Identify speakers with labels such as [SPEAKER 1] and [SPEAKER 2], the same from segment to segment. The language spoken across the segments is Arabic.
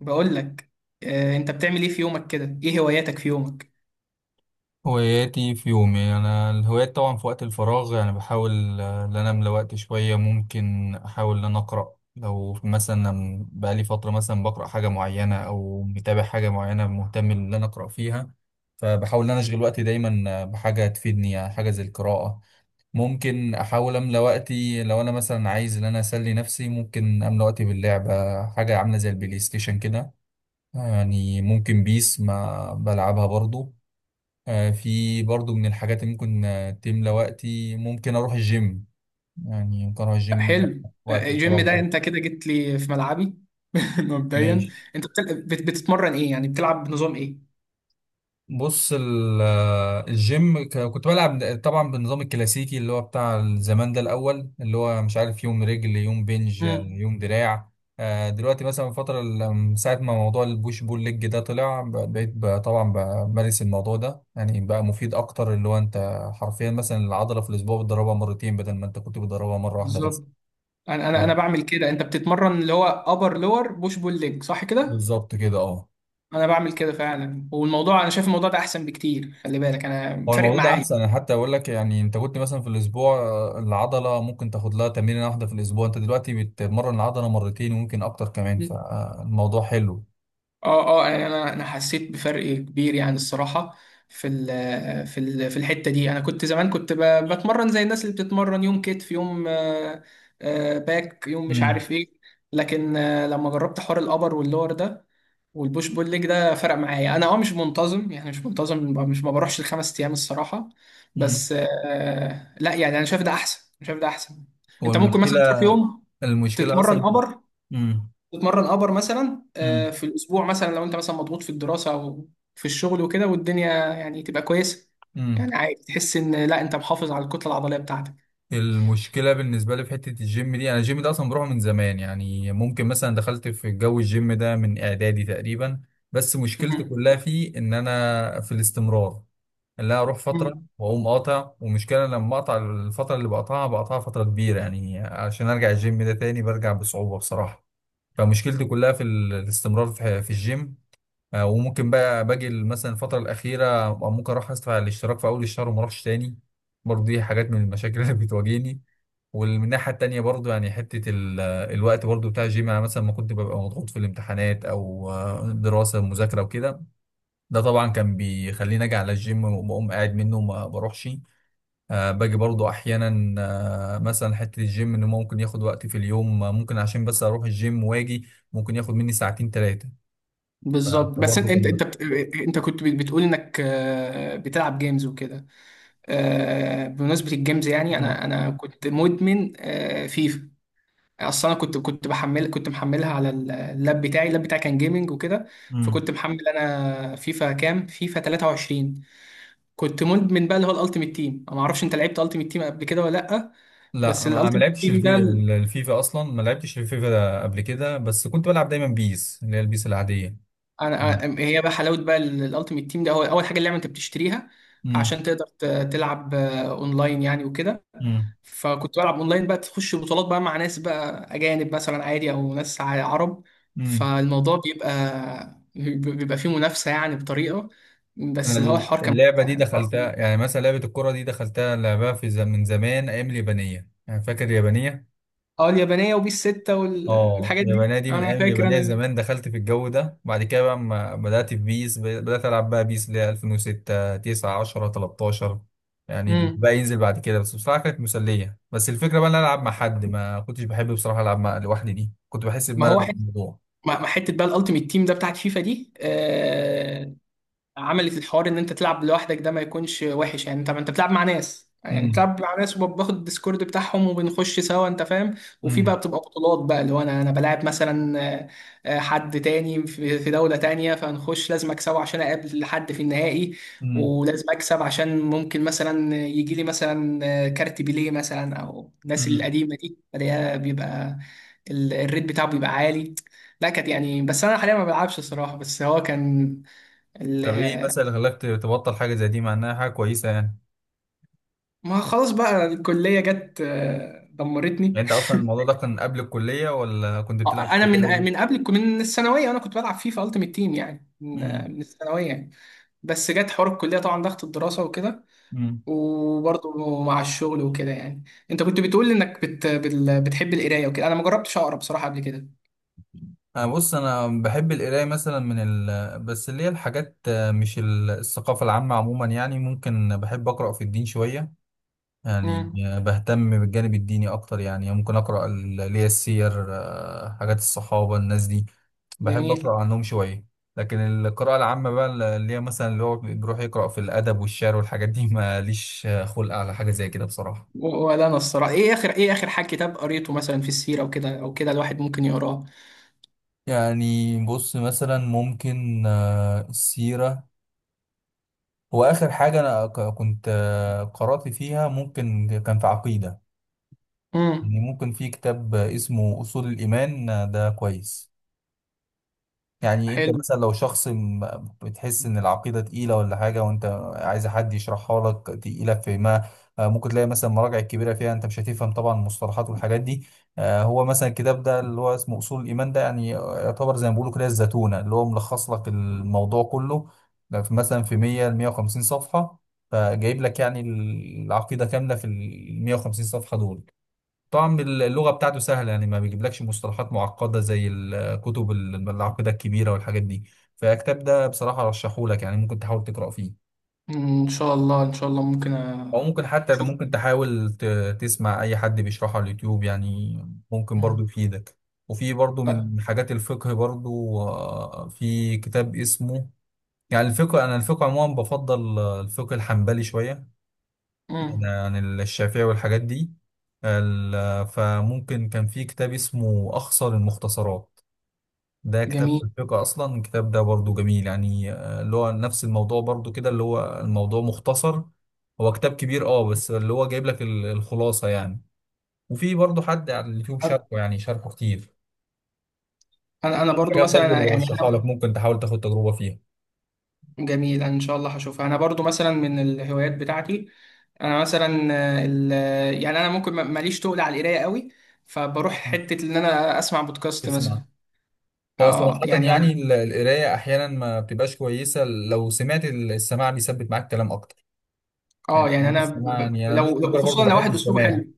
[SPEAKER 1] بقول لك آه، انت بتعمل ايه في يومك كده، ايه هواياتك في يومك؟
[SPEAKER 2] هواياتي في يومي انا الهوايات طبعا في وقت الفراغ يعني بحاول ان انا املى وقت شويه ممكن احاول ان انا اقرا لو مثلا أنا بقالي فتره مثلا بقرا حاجه معينه او متابع حاجه معينه مهتم ان انا اقرا فيها. فبحاول ان انا اشغل وقتي دايما بحاجه تفيدني يعني حاجه زي القراءه. ممكن احاول املى وقتي لو انا مثلا عايز ان انا اسلي نفسي ممكن املى وقتي باللعبه حاجه عامله زي البلاي ستيشن كده. يعني ممكن بيس ما بلعبها برضو. في برضو من الحاجات اللي ممكن تملى وقتي ممكن اروح الجيم. يعني ممكن اروح
[SPEAKER 1] آه،
[SPEAKER 2] الجيم
[SPEAKER 1] حلو.
[SPEAKER 2] وقت
[SPEAKER 1] آه، الجيم
[SPEAKER 2] الفراغ
[SPEAKER 1] ده
[SPEAKER 2] برضو.
[SPEAKER 1] انت كده جيت لي في ملعبي. مبدئيا،
[SPEAKER 2] ماشي.
[SPEAKER 1] انت بتتمرن ايه، يعني بتلعب بنظام ايه؟
[SPEAKER 2] بص الجيم كنت بلعب طبعا بالنظام الكلاسيكي اللي هو بتاع زمان ده الاول اللي هو مش عارف يوم رجل يوم بنج
[SPEAKER 1] امم
[SPEAKER 2] يوم دراع. دلوقتي مثلا الفترة من ساعة ما موضوع البوش بول ليج ده طلع بقيت طبعا بمارس الموضوع ده يعني بقى مفيد أكتر اللي هو أنت حرفيا مثلا العضلة في الأسبوع بتدربها مرتين بدل ما أنت كنت بتدربها مرة واحدة بس.
[SPEAKER 1] بالظبط. انا
[SPEAKER 2] آه،
[SPEAKER 1] بعمل كده. انت بتتمرن اللي هو ابر لور بوش بول ليج، صح كده؟
[SPEAKER 2] بالظبط كده اه.
[SPEAKER 1] انا بعمل كده فعلا، والموضوع انا شايف الموضوع ده احسن بكتير، خلي بالك انا
[SPEAKER 2] هو
[SPEAKER 1] فارق
[SPEAKER 2] الموضوع ده
[SPEAKER 1] معايا.
[SPEAKER 2] احسن انا حتى اقول لك يعني انت كنت مثلا في الاسبوع العضله ممكن تاخد لها تمرينه واحده في الاسبوع انت دلوقتي بتمرن العضله مرتين وممكن اكتر كمان فالموضوع حلو.
[SPEAKER 1] اه اه، يعني انا حسيت بفرق كبير يعني الصراحه. في ال في ال في الحته دي انا كنت زمان كنت بتمرن زي الناس اللي بتتمرن يوم كتف يوم باك يوم مش
[SPEAKER 2] امم.
[SPEAKER 1] عارف ايه. لكن لما جربت حوار الابر واللور ده والبوش بول ليج ده فرق معايا انا. اه، مش منتظم يعني، مش منتظم، مش ما بروحش الخمس ايام الصراحه،
[SPEAKER 2] امم.
[SPEAKER 1] بس لا يعني انا شايف ده احسن، أنا شايف ده احسن.
[SPEAKER 2] هو
[SPEAKER 1] انت ممكن
[SPEAKER 2] المشكله.
[SPEAKER 1] مثلا تروح يوم
[SPEAKER 2] المشكله
[SPEAKER 1] تتمرن
[SPEAKER 2] اصلا في-
[SPEAKER 1] ابر،
[SPEAKER 2] امم.
[SPEAKER 1] تتمرن ابر مثلا
[SPEAKER 2] امم.
[SPEAKER 1] في الاسبوع، مثلا لو انت مثلا مضغوط في الدراسه او في الشغل وكده والدنيا يعني تبقى كويسه،
[SPEAKER 2] امم.
[SPEAKER 1] يعني عادي، تحس ان لا انت محافظ على الكتله العضليه بتاعتك.
[SPEAKER 2] المشكله بالنسبه لي في حته الجيم دي انا الجيم ده اصلا بروحه من زمان يعني ممكن مثلا دخلت في جو الجيم ده من اعدادي تقريبا. بس مشكلتي
[SPEAKER 1] مم.
[SPEAKER 2] كلها فيه ان انا في الاستمرار. اللي انا اروح فتره
[SPEAKER 1] مم.
[SPEAKER 2] واقوم قاطع ومشكله لما اقطع الفتره اللي بقطعها بقطعها فتره كبيره يعني عشان ارجع الجيم ده تاني برجع بصعوبه بصراحه. فمشكلتي كلها في الاستمرار في الجيم. وممكن بقى باجي مثلا الفتره الاخيره ممكن اروح ادفع الاشتراك في اول الشهر وما اروحش تاني. برضه دي حاجات من المشاكل اللي بتواجهني. ومن الناحيه التانيه برضه يعني حته الوقت برضه بتاع الجيم انا مثلا ما كنت ببقى مضغوط في الامتحانات او دراسه مذاكره وكده. ده طبعا كان بيخليني اجي على الجيم وبقوم قاعد منه وما بروحش. أه باجي برضو احيانا. أه مثلا حته الجيم انه ممكن ياخد وقت في اليوم ممكن عشان بس اروح الجيم واجي ممكن ياخد مني ساعتين ثلاثه.
[SPEAKER 1] بالظبط. بس انت
[SPEAKER 2] برضه كان
[SPEAKER 1] انت
[SPEAKER 2] ب-
[SPEAKER 1] انت بت... انت كنت بتقول انك بتلعب جيمز وكده. بمناسبه الجيمز، يعني
[SPEAKER 2] مم.
[SPEAKER 1] انا كنت مدمن فيفا اصلا. انا كنت بحمل، كنت محملها على اللاب بتاعي، اللاب بتاعي كان جيمنج وكده.
[SPEAKER 2] مم.
[SPEAKER 1] فكنت محمل انا فيفا كام، فيفا 23، كنت مدمن بقى اللي هو الالتيميت تيم. انا ما اعرفش انت لعبت الالتيميت تيم قبل كده ولا لا؟ بس
[SPEAKER 2] لا ما
[SPEAKER 1] الالتيميت
[SPEAKER 2] لعبتش
[SPEAKER 1] تيم ده
[SPEAKER 2] الفيفا اصلا ما لعبتش الفيفا ده قبل كده بس كنت بلعب دايما بيس اللي هي البيس العاديه.
[SPEAKER 1] هي بقى حلاوه بقى الالتيميت تيم ده، هو اول حاجه اللعبه انت بتشتريها
[SPEAKER 2] مم.
[SPEAKER 1] عشان تقدر تلعب اونلاين يعني وكده.
[SPEAKER 2] مم.
[SPEAKER 1] فكنت بلعب اونلاين بقى، تخش بطولات بقى مع ناس بقى اجانب مثلا عادي، او ناس عرب.
[SPEAKER 2] مم.
[SPEAKER 1] فالموضوع بيبقى فيه منافسه، يعني بطريقه،
[SPEAKER 2] انا
[SPEAKER 1] بس اللي هو الحوار كان
[SPEAKER 2] اللعبه
[SPEAKER 1] ممتع
[SPEAKER 2] دي
[SPEAKER 1] يعني.
[SPEAKER 2] دخلتها يعني مثلا لعبه الكره دي دخلتها لعبها في من زمان ايام اليابانيه يعني فاكر اليابانيه.
[SPEAKER 1] اه، اليابانيه وبيس 6
[SPEAKER 2] اه
[SPEAKER 1] والحاجات دي،
[SPEAKER 2] اليابانيه دي من
[SPEAKER 1] انا
[SPEAKER 2] ايام
[SPEAKER 1] فاكر
[SPEAKER 2] اليابانيه
[SPEAKER 1] انا.
[SPEAKER 2] زمان دخلت في الجو ده بعد كده بقى ما بدات في بيس بدات العب بقى بيس اللي هي 2006 9 10 13 يعني
[SPEAKER 1] امم
[SPEAKER 2] بقى ينزل بعد كده بس بصراحه كانت مسليه بس الفكره بقى ان انا العب مع حد ما كنتش بحب بصراحه العب مع لوحدي دي كنت بحس
[SPEAKER 1] ما هو،
[SPEAKER 2] بملل في الموضوع.
[SPEAKER 1] مع حته بقى الالتيميت تيم ده بتاعت فيفا دي، عملت الحوار ان انت تلعب لوحدك ده ما يكونش وحش، يعني انت، ما انت بتلعب مع ناس، يعني
[SPEAKER 2] امم.
[SPEAKER 1] بتلعب مع ناس وباخد الديسكورد بتاعهم وبنخش سوا، انت فاهم؟ وفي بقى
[SPEAKER 2] امم.
[SPEAKER 1] بتبقى بطولات بقى اللي هو انا بلاعب مثلا حد تاني في في دولة تانية، فنخش لازم اكسبه عشان اقابل حد في النهائي.
[SPEAKER 2] امم.
[SPEAKER 1] ولازم اكسب عشان ممكن مثلا يجي لي مثلا كارت بيليه مثلا او الناس
[SPEAKER 2] امم.
[SPEAKER 1] القديمة دي، فده بيبقى الريت بتاعه بيبقى عالي. لا كانت يعني، بس انا حاليا ما بلعبش الصراحة، بس هو كان.
[SPEAKER 2] طب ايه مثلا اللي خلاك تبطل حاجه زي دي مع انها حاجه كويسه يعني.
[SPEAKER 1] ما خلاص بقى الكلية جت
[SPEAKER 2] يعني
[SPEAKER 1] دمرتني.
[SPEAKER 2] انت اصلا الموضوع ده كان قبل الكليه ولا كنت بتلعب في
[SPEAKER 1] انا
[SPEAKER 2] الكوره
[SPEAKER 1] من
[SPEAKER 2] برضه؟
[SPEAKER 1] من قبل من الثانوية انا كنت بلعب فيفا التيمت تيم، يعني من
[SPEAKER 2] امم.
[SPEAKER 1] من الثانوية يعني. بس جت حوار الكلية، طبعا ضغط الدراسة وكده،
[SPEAKER 2] امم.
[SPEAKER 1] وبرضه مع الشغل وكده يعني. انت كنت بتقول انك بتحب القراية وكده. انا ما جربتش اقرا بصراحة قبل كده.
[SPEAKER 2] انا بص انا بحب القرايه مثلا من بس اللي هي الحاجات مش الثقافه العامه عموما يعني ممكن بحب اقرا في الدين شويه. يعني
[SPEAKER 1] امم
[SPEAKER 2] بهتم بالجانب الديني اكتر يعني ممكن اقرا اللي هي السير حاجات الصحابه الناس دي بحب
[SPEAKER 1] جميل.
[SPEAKER 2] اقرا عنهم شويه. لكن القراءه العامه بقى اللي هي مثلا اللي هو بيروح يقرا في الادب والشعر والحاجات دي ماليش خلق على حاجه زي كده بصراحه.
[SPEAKER 1] ولا انا الصراحة، ايه اخر، ايه اخر حاجة كتاب قريته مثلا في السيرة وكده او كده الواحد ممكن يقراه؟
[SPEAKER 2] يعني بص مثلا ممكن السيرة هو آخر حاجة أنا كنت قرأت فيها ممكن كان في عقيدة.
[SPEAKER 1] امم
[SPEAKER 2] يعني ممكن في كتاب اسمه أصول الإيمان ده كويس. يعني انت
[SPEAKER 1] حلو.
[SPEAKER 2] مثلا لو شخص بتحس ان العقيدة تقيلة ولا حاجة وانت عايز حد يشرحها لك تقيلة في ما ممكن تلاقي مثلا مراجع كبيرة فيها انت مش هتفهم طبعا المصطلحات والحاجات دي. هو مثلا الكتاب ده اللي هو اسمه اصول الايمان ده يعني يعتبر زي ما بيقولوا كده الزتونة اللي هو ملخص لك الموضوع كله. ده مثلا في 100 ل 150 صفحة فجايب لك يعني العقيدة كاملة في ال 150 صفحة دول. طبعا اللغة بتاعته سهلة يعني ما بيجيبلكش مصطلحات معقدة زي الكتب العقيدة الكبيرة والحاجات دي. فالكتاب ده بصراحة رشحهولك يعني ممكن تحاول تقرأ فيه.
[SPEAKER 1] مم، ان شاء الله ان شاء الله ممكن
[SPEAKER 2] أو ممكن حتى ممكن تحاول تسمع أي حد بيشرحه على اليوتيوب يعني ممكن برضو
[SPEAKER 1] مم.
[SPEAKER 2] يفيدك. وفي برضو
[SPEAKER 1] أ-
[SPEAKER 2] من حاجات الفقه برضو في كتاب اسمه يعني الفقه أنا الفقه عموما بفضل الفقه الحنبلي شوية
[SPEAKER 1] مم.
[SPEAKER 2] عن الشافعي والحاجات دي. فممكن كان في كتاب اسمه أخصر المختصرات. ده كتاب في
[SPEAKER 1] جميل.
[SPEAKER 2] الفقه أصلا الكتاب ده برضو جميل يعني اللي هو نفس الموضوع برضو كده اللي هو الموضوع مختصر. هو كتاب كبير اه بس اللي هو جايب لك الخلاصة يعني. وفي برضو حد على اليوتيوب شاركه يعني شاركه كتير.
[SPEAKER 1] انا
[SPEAKER 2] في
[SPEAKER 1] برضو
[SPEAKER 2] حاجات برضو
[SPEAKER 1] مثلا
[SPEAKER 2] اللي
[SPEAKER 1] يعني
[SPEAKER 2] برشحها لك
[SPEAKER 1] انا.
[SPEAKER 2] ممكن تحاول تاخد تجربة فيها.
[SPEAKER 1] جميل، انا ان شاء الله هشوفها. انا برضو مثلا من الهوايات بتاعتي، انا مثلا يعني انا ممكن ماليش تقل على القرايه قوي، فبروح
[SPEAKER 2] مم.
[SPEAKER 1] حته ان انا اسمع بودكاست
[SPEAKER 2] اسمع.
[SPEAKER 1] مثلا.
[SPEAKER 2] هو
[SPEAKER 1] اه
[SPEAKER 2] صراحة
[SPEAKER 1] يعني
[SPEAKER 2] يعني
[SPEAKER 1] انا.
[SPEAKER 2] القراية أحيانا ما بتبقاش كويسة لو سمعت السماع بيثبت معاك كلام أكتر.
[SPEAKER 1] اه
[SPEAKER 2] يعني
[SPEAKER 1] يعني انا،
[SPEAKER 2] بس ما يعني انا بنسبه كبيره برضه
[SPEAKER 1] وخصوصا لو
[SPEAKER 2] بحب
[SPEAKER 1] واحد اسلوبه
[SPEAKER 2] السماع.
[SPEAKER 1] حلو.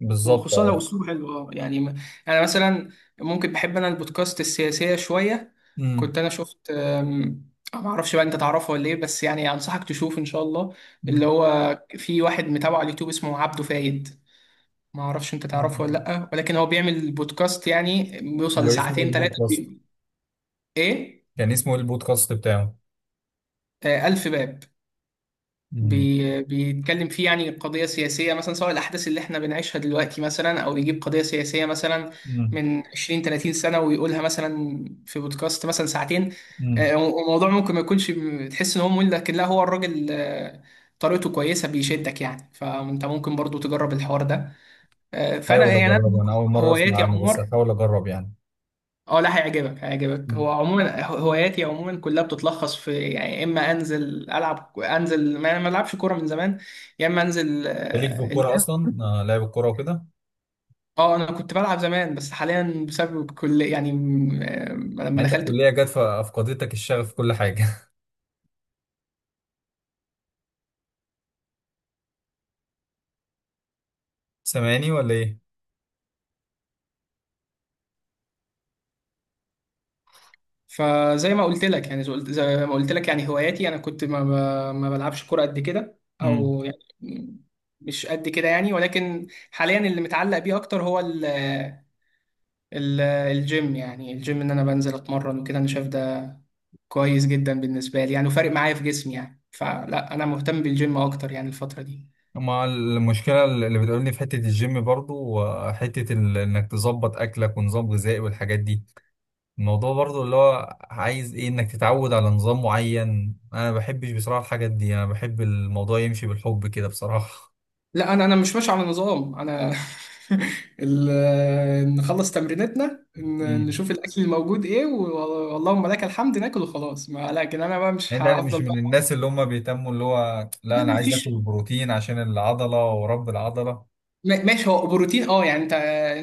[SPEAKER 2] بالظبط
[SPEAKER 1] وخصوصا لو
[SPEAKER 2] اه.
[SPEAKER 1] اسلوبه حلو، اه يعني انا مثلا ممكن بحب انا البودكاست السياسيه شويه.
[SPEAKER 2] امم.
[SPEAKER 1] كنت انا شفت ما اعرفش بقى انت تعرفه ولا ايه، بس يعني انصحك تشوف ان شاء الله. اللي
[SPEAKER 2] أمم.
[SPEAKER 1] هو في واحد متابعه على اليوتيوب اسمه عبده فايد. ما اعرفش انت تعرفه ولا لا، ولكن هو بيعمل بودكاست يعني بيوصل
[SPEAKER 2] هو اسمه ايه
[SPEAKER 1] لساعتين ثلاثه.
[SPEAKER 2] البودكاست.
[SPEAKER 1] ايه؟
[SPEAKER 2] كان اسمه ايه البودكاست بتاعه.
[SPEAKER 1] ألف باب.
[SPEAKER 2] امم.
[SPEAKER 1] بي بيتكلم فيه يعني قضية سياسية مثلا، سواء الأحداث اللي احنا بنعيشها دلوقتي مثلا، أو يجيب قضية سياسية مثلا
[SPEAKER 2] مم.
[SPEAKER 1] من 20 30 سنة ويقولها مثلا في بودكاست مثلا ساعتين. آه،
[SPEAKER 2] مم.
[SPEAKER 1] الموضوع ممكن ما يكونش تحس إن هو ممل، لكن لا، هو الراجل طريقته كويسة بيشدك يعني، فأنت ممكن برضو تجرب الحوار ده. آه، فأنا
[SPEAKER 2] هحاول
[SPEAKER 1] يعني أنا
[SPEAKER 2] اجربه انا اول مره اسمع
[SPEAKER 1] هواياتي يا
[SPEAKER 2] عنه بس
[SPEAKER 1] عمر.
[SPEAKER 2] هحاول اجرب يعني.
[SPEAKER 1] اه لا، هيعجبك هيعجبك.
[SPEAKER 2] مم.
[SPEAKER 1] هو عموما هواياتي عموما كلها بتتلخص في، يعني يا اما انزل العب، انزل، ما العبش كوره من زمان، يا اما انزل
[SPEAKER 2] ليك في الكوره
[SPEAKER 1] الجيم.
[SPEAKER 2] اصلا آه لعب الكوره وكده.
[SPEAKER 1] اه انا كنت بلعب زمان، بس حاليا بسبب كل يعني لما
[SPEAKER 2] يعني انت
[SPEAKER 1] دخلت.
[SPEAKER 2] الكليه جت فافقدتك الشغف في كل حاجه سامعني ولا ايه.
[SPEAKER 1] فزي ما قلت لك يعني، زي ما قلت لك يعني هواياتي، انا كنت ما بلعبش كوره قد كده
[SPEAKER 2] مم.
[SPEAKER 1] او يعني مش قد كده يعني، ولكن حاليا اللي متعلق بيه اكتر هو الجيم. يعني الجيم ان انا بنزل اتمرن وكده، انا شايف ده كويس جدا بالنسبه لي يعني، وفارق معايا في جسمي يعني. فلا انا مهتم بالجيم اكتر يعني الفتره دي.
[SPEAKER 2] مع المشكله اللي بتقولني في حته الجيم برضو وحته انك تظبط اكلك ونظام غذائي والحاجات دي. الموضوع برضو اللي هو عايز ايه انك تتعود على نظام معين انا ما بحبش بصراحة الحاجات دي انا بحب الموضوع يمشي بالحب كده بصراحة.
[SPEAKER 1] لا، انا مش ماشي على نظام انا. نخلص تمرينتنا،
[SPEAKER 2] امم.
[SPEAKER 1] نشوف الاكل الموجود ايه، واللهم لك الحمد، ناكل وخلاص. ما لكن انا بقى مش
[SPEAKER 2] يعني انا مش
[SPEAKER 1] هفضل
[SPEAKER 2] من
[SPEAKER 1] بقى.
[SPEAKER 2] الناس اللي هم بيهتموا اللي هو لا
[SPEAKER 1] لا
[SPEAKER 2] انا
[SPEAKER 1] ما
[SPEAKER 2] عايز اكل
[SPEAKER 1] فيش.
[SPEAKER 2] بروتين عشان العضلة ورب العضلة.
[SPEAKER 1] ماشي، هو بروتين اه، يعني انت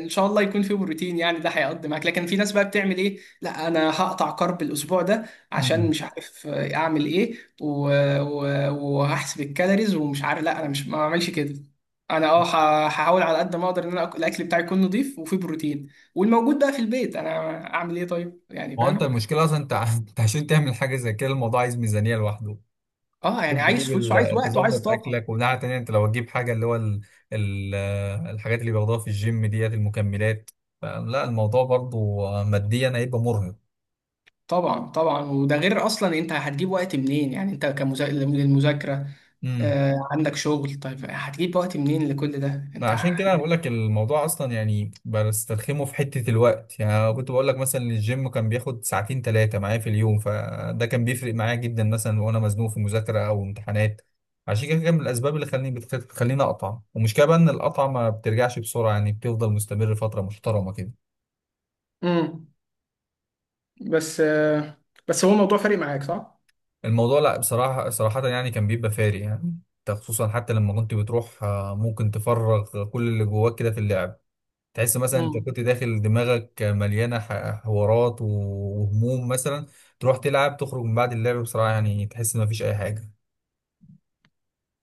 [SPEAKER 1] ان شاء الله يكون فيه بروتين يعني، ده هيقضي معاك. لكن في ناس بقى بتعمل ايه، لا انا هقطع كارب الاسبوع ده عشان
[SPEAKER 2] امم.
[SPEAKER 1] مش عارف اعمل ايه و... وهحسب الكالوريز ومش عارف. لا انا مش ما بعملش كده. انا اه هحاول على قد ما اقدر ان انا الاكل بتاعي يكون نظيف وفيه بروتين، والموجود بقى في البيت انا اعمل ايه طيب يعني،
[SPEAKER 2] هو انت
[SPEAKER 1] فاهم؟
[SPEAKER 2] المشكلة اصلا انت انت عشان تعمل حاجة زي كده الموضوع عايز ميزانية لوحده.
[SPEAKER 1] اه يعني
[SPEAKER 2] عشان تجيب
[SPEAKER 1] عايز فلوس، وعايز وقت، وعايز
[SPEAKER 2] تظبط
[SPEAKER 1] طاقة.
[SPEAKER 2] اكلك ومناعه تانية انت لو تجيب حاجه اللي هو ال... الحاجات اللي بياخدوها في الجيم ديت المكملات. فلا الموضوع برضو ماديا هيبقى مرهق.
[SPEAKER 1] طبعا طبعا. وده غير اصلا انت هتجيب وقت منين، يعني انت للمذاكره،
[SPEAKER 2] امم.
[SPEAKER 1] آه عندك شغل، طيب هتجيب وقت منين لكل ده
[SPEAKER 2] ما
[SPEAKER 1] انت؟
[SPEAKER 2] عشان كده انا بقول لك الموضوع اصلا يعني بسترخمه في حته الوقت يعني أنا كنت بقول لك مثلا إن الجيم كان بياخد ساعتين ثلاثه معايا في اليوم فده كان بيفرق معايا جدا مثلا وانا مزنوق في مذاكره او امتحانات. عشان كده كان من الاسباب اللي خلاني بتخليني اقطع ومشكله بقى ان القطعه ما بترجعش بسرعه يعني بتفضل مستمر فتره محترمه كده.
[SPEAKER 1] امم بس بس هو الموضوع فارق معاك صح؟
[SPEAKER 2] الموضوع لا بصراحة صراحة يعني كان بيبقى فارق يعني. انت خصوصا حتى لما كنت بتروح ممكن تفرغ كل اللي جواك كده في اللعب. تحس مثلا انت
[SPEAKER 1] مم.
[SPEAKER 2] كنت داخل دماغك مليانة حوارات وهموم مثلا. تروح تلعب تخرج من بعد اللعب بصراحة يعني تحس ان مفيش اي حاجة.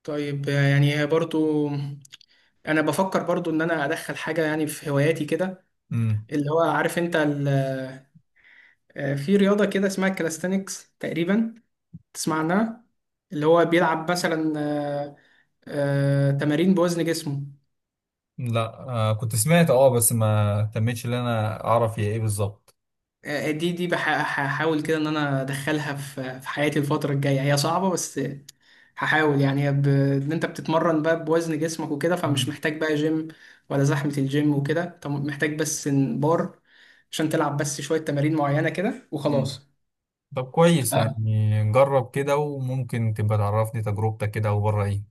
[SPEAKER 1] طيب يعني برضو انا بفكر برضو ان انا ادخل حاجه يعني في هواياتي كده،
[SPEAKER 2] امم.
[SPEAKER 1] اللي هو عارف انت في رياضه كده اسمها كالستنكس تقريبا، تسمع عنها؟ اللي هو بيلعب مثلا تمارين بوزن جسمه.
[SPEAKER 2] لا آه كنت سمعت اه بس ما تمتش ان انا اعرف هي ايه بالظبط.
[SPEAKER 1] دي هحاول كده ان انا ادخلها في حياتي الفتره الجايه، هي صعبه بس هحاول يعني. ان انت بتتمرن بقى بوزن جسمك وكده، فمش
[SPEAKER 2] مم.
[SPEAKER 1] محتاج بقى جيم ولا زحمه الجيم وكده، انت محتاج بس إن بار عشان تلعب بس شويه تمارين معينه كده
[SPEAKER 2] مم.
[SPEAKER 1] وخلاص.
[SPEAKER 2] طب كويس
[SPEAKER 1] آه،
[SPEAKER 2] يعني جرب كده وممكن تبقى تعرفني تجربتك كده وبره ايه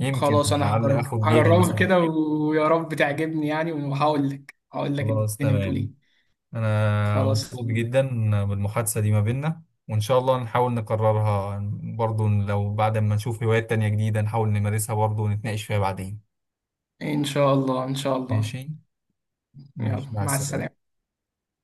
[SPEAKER 2] يمكن
[SPEAKER 1] خلاص انا
[SPEAKER 2] لعل
[SPEAKER 1] هجرب،
[SPEAKER 2] اخد بيها
[SPEAKER 1] هجربها
[SPEAKER 2] مثلا.
[SPEAKER 1] كده ويا رب تعجبني يعني، وهقول لك
[SPEAKER 2] خلاص
[SPEAKER 1] الدنيا بتقول
[SPEAKER 2] تمام.
[SPEAKER 1] ايه.
[SPEAKER 2] انا
[SPEAKER 1] خلاص.
[SPEAKER 2] مبسوط جدا بالمحادثة دي ما بيننا وان شاء الله نحاول نكررها. برضو لو بعد ما نشوف هوايات تانية جديدة نحاول نمارسها برضو ونتناقش فيها بعدين.
[SPEAKER 1] ان شاء الله ان شاء الله.
[SPEAKER 2] ماشي.
[SPEAKER 1] يلا،
[SPEAKER 2] ماشي مع
[SPEAKER 1] مع
[SPEAKER 2] السلامة.
[SPEAKER 1] السلامه.